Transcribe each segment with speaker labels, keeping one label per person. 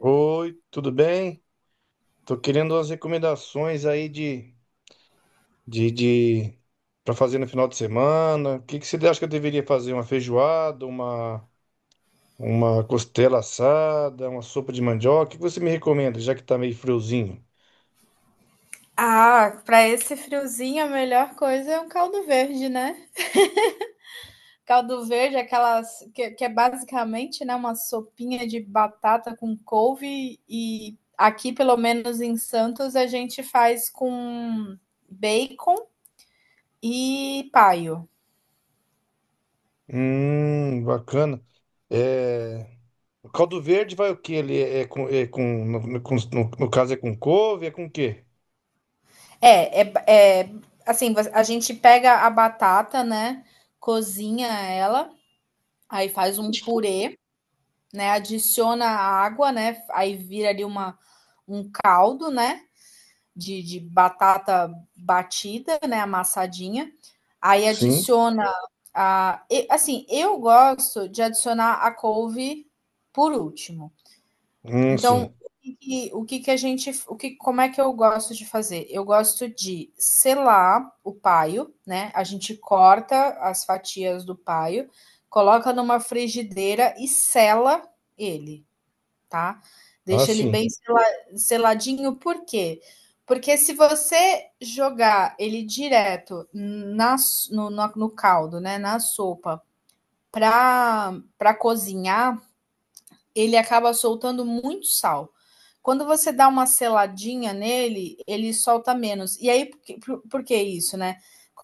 Speaker 1: Oi, tudo bem? Tô querendo umas recomendações aí de para fazer no final de semana. O que que você acha que eu deveria fazer? Uma feijoada, uma costela assada, uma sopa de mandioca? O que que você me recomenda, já que tá meio friozinho?
Speaker 2: Ah, para esse friozinho a melhor coisa é um caldo verde, né? Caldo verde, aquelas que é basicamente, né, uma sopinha de batata com couve e aqui, pelo menos em Santos, a gente faz com bacon e paio.
Speaker 1: Bacana. É, o caldo verde vai o quê? Ele é com, é com no caso é com couve, é com o quê?
Speaker 2: É, é, é assim, a gente pega a batata, né, cozinha ela, aí faz um purê, né, adiciona a água, né, aí vira ali uma um caldo, né? De batata batida, né, amassadinha. Aí
Speaker 1: Sim.
Speaker 2: adiciona a, assim, eu gosto de adicionar a couve por último.
Speaker 1: Sim.
Speaker 2: Então, o que, que a gente, o que, como é que eu gosto de fazer? Eu gosto de selar o paio, né? A gente corta as fatias do paio, coloca numa frigideira e sela ele, tá?
Speaker 1: Ah,
Speaker 2: Deixa ele
Speaker 1: sim.
Speaker 2: bem seladinho, por quê? Porque se você jogar ele direto na, s- no, na- no caldo, né, na sopa, para para cozinhar, ele acaba soltando muito sal. Quando você dá uma seladinha nele, ele solta menos. E aí, por que isso, né?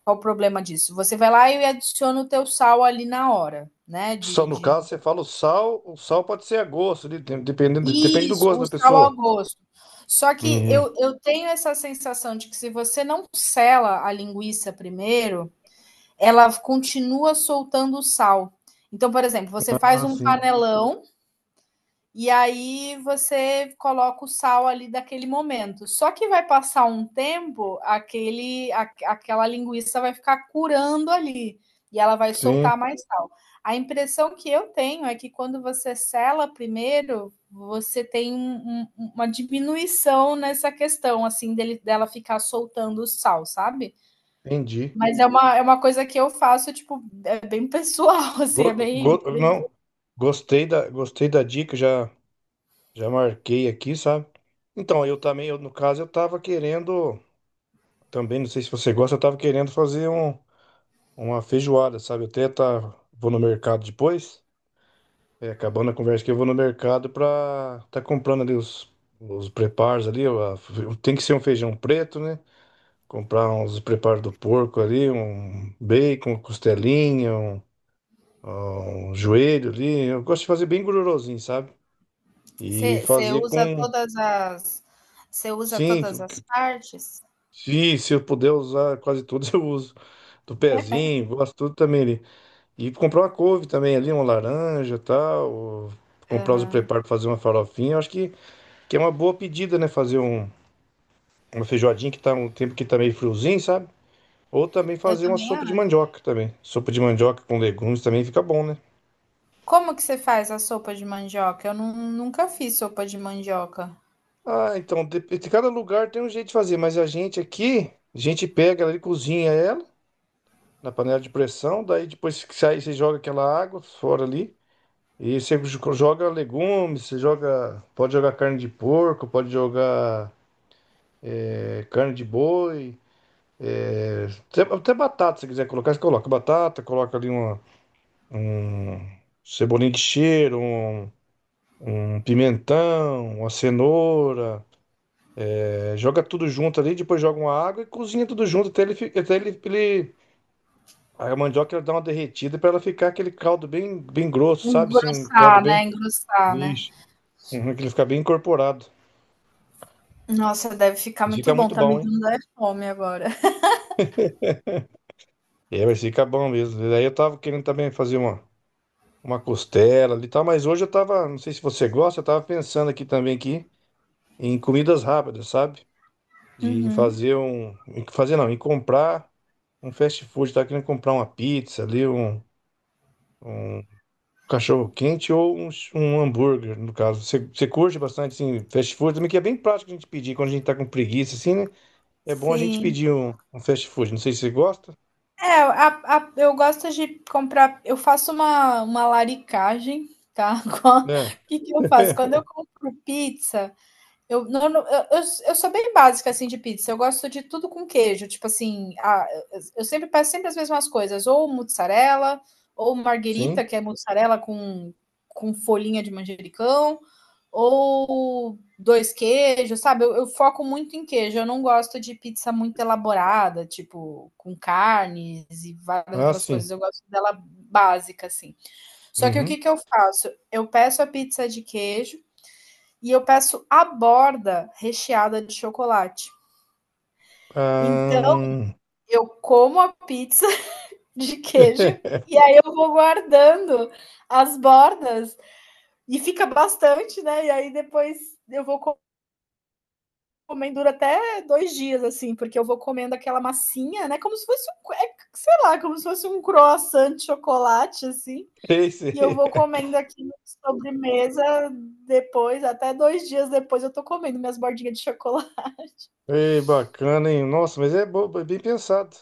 Speaker 2: Qual o problema disso? Você vai lá e adiciona o teu sal ali na hora, né,
Speaker 1: Só no
Speaker 2: de
Speaker 1: caso, você fala o sal pode ser a gosto, ali, dependendo, depende do
Speaker 2: Isso,
Speaker 1: gosto
Speaker 2: o
Speaker 1: da
Speaker 2: sal ao
Speaker 1: pessoa.
Speaker 2: gosto. Só que
Speaker 1: Uhum.
Speaker 2: eu tenho essa sensação de que se você não sela a linguiça primeiro, ela continua soltando o sal. Então, por exemplo, você faz
Speaker 1: Ah,
Speaker 2: um
Speaker 1: sim.
Speaker 2: panelão e aí você coloca o sal ali daquele momento. Só que vai passar um tempo, aquela linguiça vai ficar curando ali e ela vai
Speaker 1: Sim,
Speaker 2: soltar mais sal. A impressão que eu tenho é que quando você sela primeiro, você tem uma diminuição nessa questão, assim, dela ficar soltando o sal, sabe?
Speaker 1: entendi.
Speaker 2: Mas é é uma coisa que eu faço, tipo, é bem pessoal, assim, é bem, bem
Speaker 1: Não, gostei da dica, já, já marquei aqui, sabe? Então, no caso, eu tava querendo, também, não sei se você gosta, eu tava querendo uma feijoada, sabe? Vou no mercado depois, é, acabando a conversa que eu vou no mercado pra tá comprando ali os preparos ali, ó, tem que ser um feijão preto, né? Comprar uns preparos do porco ali, um bacon, costelinha, um joelho ali. Eu gosto de fazer bem gordurosinho, sabe? E
Speaker 2: Você
Speaker 1: fazer
Speaker 2: usa
Speaker 1: com.
Speaker 2: todas as você usa
Speaker 1: Sim,
Speaker 2: todas as partes?
Speaker 1: se eu puder usar quase todos, eu uso. Do pezinho, gosto tudo também ali. E comprar uma couve também ali, uma laranja e tal. Ou comprar os
Speaker 2: Aham.
Speaker 1: preparos para fazer uma farofinha. Que é uma boa pedida, né? Uma feijoadinha que tá um tempo que tá meio friozinho, sabe? Ou também
Speaker 2: Eu
Speaker 1: fazer uma
Speaker 2: também
Speaker 1: sopa de
Speaker 2: acho.
Speaker 1: mandioca também. Sopa de mandioca com legumes também fica bom, né?
Speaker 2: Como que você faz a sopa de mandioca? Eu nunca fiz sopa de mandioca.
Speaker 1: Ah, então, de cada lugar tem um jeito de fazer, mas a gente aqui, a gente pega ela e cozinha ela na panela de pressão, daí depois que sai, você joga aquela água fora ali, e você joga legumes, você joga, pode jogar carne de porco, pode jogar é, carne de boi, até batata, se quiser colocar, você coloca batata, coloca ali uma, um cebolinho de cheiro, um pimentão, uma cenoura, é, joga tudo junto ali, depois joga uma água e cozinha tudo junto até ele, fi- até ele, ele- a mandioca ela dá uma derretida para ela ficar aquele caldo bem, bem grosso, sabe? Assim, um caldo
Speaker 2: Engrossar,
Speaker 1: bem.
Speaker 2: né, engrossar, né.
Speaker 1: Isso. Uhum, que ele fica bem incorporado.
Speaker 2: Nossa, deve ficar muito
Speaker 1: Fica
Speaker 2: bom,
Speaker 1: muito
Speaker 2: tá me
Speaker 1: bom, hein?
Speaker 2: dando é fome agora.
Speaker 1: É, mas fica bom mesmo. E daí eu tava querendo também uma costela ali e tal, mas hoje eu tava, não sei se você gosta, eu tava pensando aqui também aqui em comidas rápidas, sabe? De
Speaker 2: Uhum.
Speaker 1: fazer um, em fazer não, em comprar um fast food, tá querendo comprar uma pizza ali, um cachorro quente ou um hambúrguer, no caso. Você, você curte bastante, assim, fast food também, que é bem prático a gente pedir quando a gente tá com preguiça, assim, né? É bom a gente
Speaker 2: Sim.
Speaker 1: pedir um fast food. Não sei se você gosta.
Speaker 2: É, a eu gosto de comprar, eu faço uma laricagem, tá. Qua
Speaker 1: É,
Speaker 2: Que eu faço? Quando eu compro pizza, Eu, não, eu sou bem básica assim de pizza. Eu gosto de tudo com queijo. Tipo assim, eu sempre peço sempre as mesmas coisas, ou mozzarella, ou
Speaker 1: sim.
Speaker 2: marguerita, que é mozzarella com folhinha de manjericão, ou dois queijos, sabe? Eu foco muito em queijo. Eu não gosto de pizza muito elaborada, tipo com carnes e várias
Speaker 1: Ah,
Speaker 2: outras coisas.
Speaker 1: sim.
Speaker 2: Eu gosto dela básica assim. Só que o
Speaker 1: Uhum.
Speaker 2: que que eu faço? Eu peço a pizza de queijo e eu peço a borda recheada de chocolate. Então,
Speaker 1: Ah...
Speaker 2: eu como a pizza de queijo e aí eu vou guardando as bordas e fica bastante, né? E aí depois eu vou comendo dura até dois dias, assim, porque eu vou comendo aquela massinha, né? Como se fosse um, é, sei lá, como se fosse um croissant de chocolate, assim.
Speaker 1: Sei,
Speaker 2: E eu
Speaker 1: sei.
Speaker 2: vou comendo aqui na sobremesa depois, até dois dias depois eu tô comendo minhas bordinhas de chocolate.
Speaker 1: Ei, bacana, hein? Nossa, mas é, bem pensado.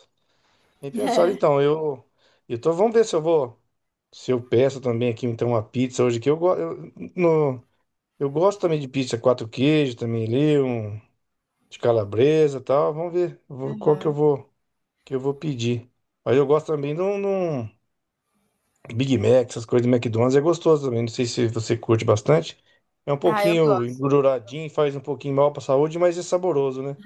Speaker 1: Bem pensado. Então, vamos ver se eu vou. Se eu peço também aqui, então, uma pizza hoje que eu, gosto eu, no, eu gosto também de pizza quatro queijos também ali, um de calabresa e tal. Vamos ver vou- qual
Speaker 2: Uhum.
Speaker 1: que eu vou pedir. Aí eu gosto também de um Big Mac, essas coisas do McDonald's, é gostoso também. Não sei se você curte bastante. É um
Speaker 2: Ah, eu
Speaker 1: pouquinho
Speaker 2: gosto.
Speaker 1: engorduradinho, faz um pouquinho mal pra saúde, mas é saboroso, né?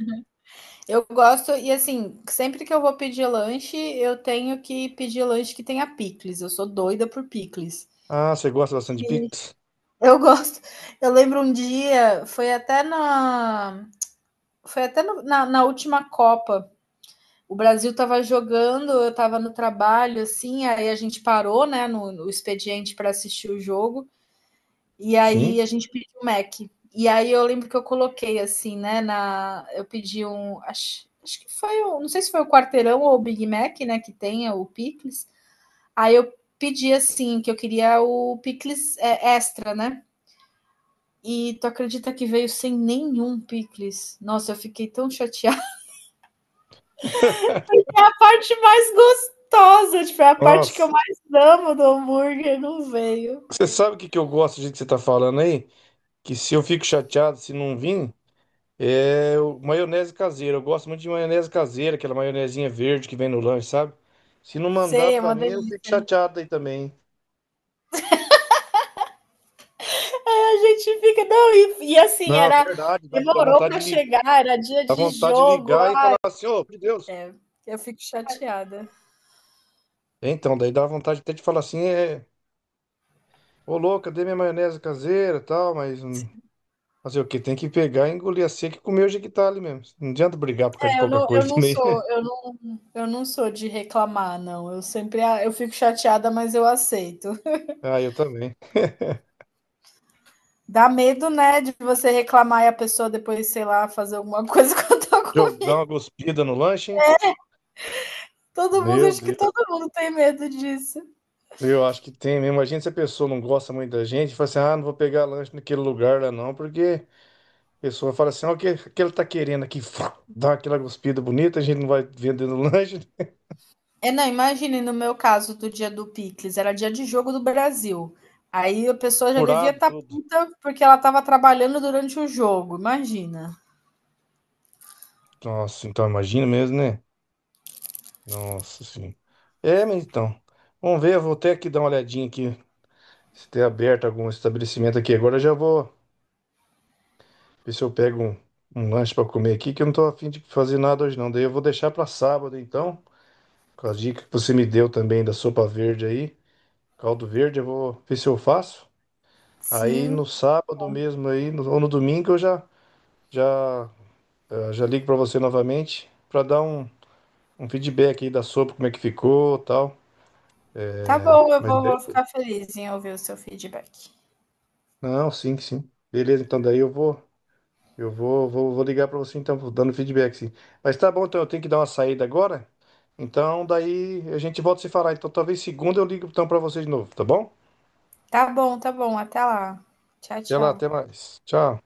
Speaker 2: Eu gosto, e assim, sempre que eu vou pedir lanche, eu tenho que pedir lanche que tenha picles. Eu sou doida por picles.
Speaker 1: Ah, você gosta bastante de
Speaker 2: Sim.
Speaker 1: pizza?
Speaker 2: Eu gosto. Eu lembro um dia, foi até na última Copa. O Brasil estava jogando, eu estava no trabalho, assim, aí a gente parou, né, no expediente para assistir o jogo. E aí
Speaker 1: Sim.
Speaker 2: a gente pediu um Mac. E aí eu lembro que eu coloquei assim, né? Eu pedi um. Acho que foi o. Não sei se foi o quarteirão ou o Big Mac, né? Que tem, é o pickles. Aí eu pedi assim, que eu queria o pickles, é, extra, né? E tu acredita que veio sem nenhum pickles? Nossa, eu fiquei tão chateada. A parte mais gostosa, tipo, é a parte que eu
Speaker 1: Nossa,
Speaker 2: mais amo do hambúrguer não veio.
Speaker 1: você sabe o que que eu gosto do jeito que você tá falando aí? Que se eu fico chateado se não vir. Maionese caseira. Eu gosto muito de maionese caseira, aquela maionezinha verde que vem no lanche, sabe? Se não mandar
Speaker 2: Sei, é
Speaker 1: pra
Speaker 2: uma
Speaker 1: mim, eu fico
Speaker 2: delícia.
Speaker 1: chateado aí também, hein?
Speaker 2: É, a gente fica, não, e assim,
Speaker 1: Não, é
Speaker 2: era,
Speaker 1: verdade, dá
Speaker 2: demorou
Speaker 1: vontade
Speaker 2: para
Speaker 1: de ligar,
Speaker 2: chegar, era dia
Speaker 1: dá
Speaker 2: de
Speaker 1: vontade de
Speaker 2: jogo.
Speaker 1: ligar e falar assim, ô, meu Deus.
Speaker 2: É, eu fico chateada.
Speaker 1: Então, daí dá vontade até de falar assim, é, ô louco, cadê minha maionese caseira, e tal, mas fazer o quê? Tem que pegar, engolir a seca e comer o jequitale mesmo. Não adianta brigar por causa de
Speaker 2: É, eu
Speaker 1: pouca
Speaker 2: não, eu
Speaker 1: coisa
Speaker 2: não
Speaker 1: também.
Speaker 2: sou, eu não, eu não sou de reclamar, não. Eu fico chateada, mas eu aceito.
Speaker 1: Ah, eu também.
Speaker 2: Dá medo, né, de você reclamar e a pessoa depois, sei lá, fazer alguma coisa contra a
Speaker 1: Jô,
Speaker 2: comida.
Speaker 1: dá uma cuspida no lanche, hein?
Speaker 2: Todo mundo,
Speaker 1: Meu
Speaker 2: acho que todo
Speaker 1: Deus.
Speaker 2: mundo tem medo disso.
Speaker 1: Eu acho que tem mesmo. Imagina se a pessoa não gosta muito da gente, fala assim, ah, não vou pegar lanche naquele lugar lá não, porque a pessoa fala assim, ó, o que ele tá querendo aqui? Fá, dá aquela cuspida bonita, a gente não vai vendendo lanche,
Speaker 2: É, não, imagine no meu caso do dia do picles, era dia de jogo do Brasil. Aí a pessoa já devia
Speaker 1: furado
Speaker 2: estar
Speaker 1: tudo.
Speaker 2: puta porque ela estava trabalhando durante o jogo, imagina.
Speaker 1: Nossa, então imagina mesmo, né? Nossa, sim. É, mas então, vamos ver, eu vou até aqui dar uma olhadinha aqui, se tem aberto algum estabelecimento aqui agora, eu já vou ver se eu pego um lanche pra comer aqui, que eu não tô afim de fazer nada hoje não, daí eu vou deixar pra sábado então, com as dicas que você me deu também da sopa verde aí, caldo verde, eu vou ver se eu faço. Aí no
Speaker 2: Sim,
Speaker 1: sábado mesmo aí, ou no domingo eu já já ligo para você novamente para dar um feedback aí da sopa, como é que ficou, tal.
Speaker 2: tá bom, eu
Speaker 1: Mas
Speaker 2: vou,
Speaker 1: daí-
Speaker 2: vou ficar feliz em ouvir o seu feedback.
Speaker 1: não, sim, sim. Beleza, então daí vou ligar para você então, vou dando feedback sim. Mas tá bom, então eu tenho que dar uma saída agora. Então daí a gente volta a se falar. Então talvez segunda eu ligo então para você de novo, tá bom?
Speaker 2: Tá bom, até lá. Tchau,
Speaker 1: Até lá,
Speaker 2: tchau.
Speaker 1: até mais. Tchau.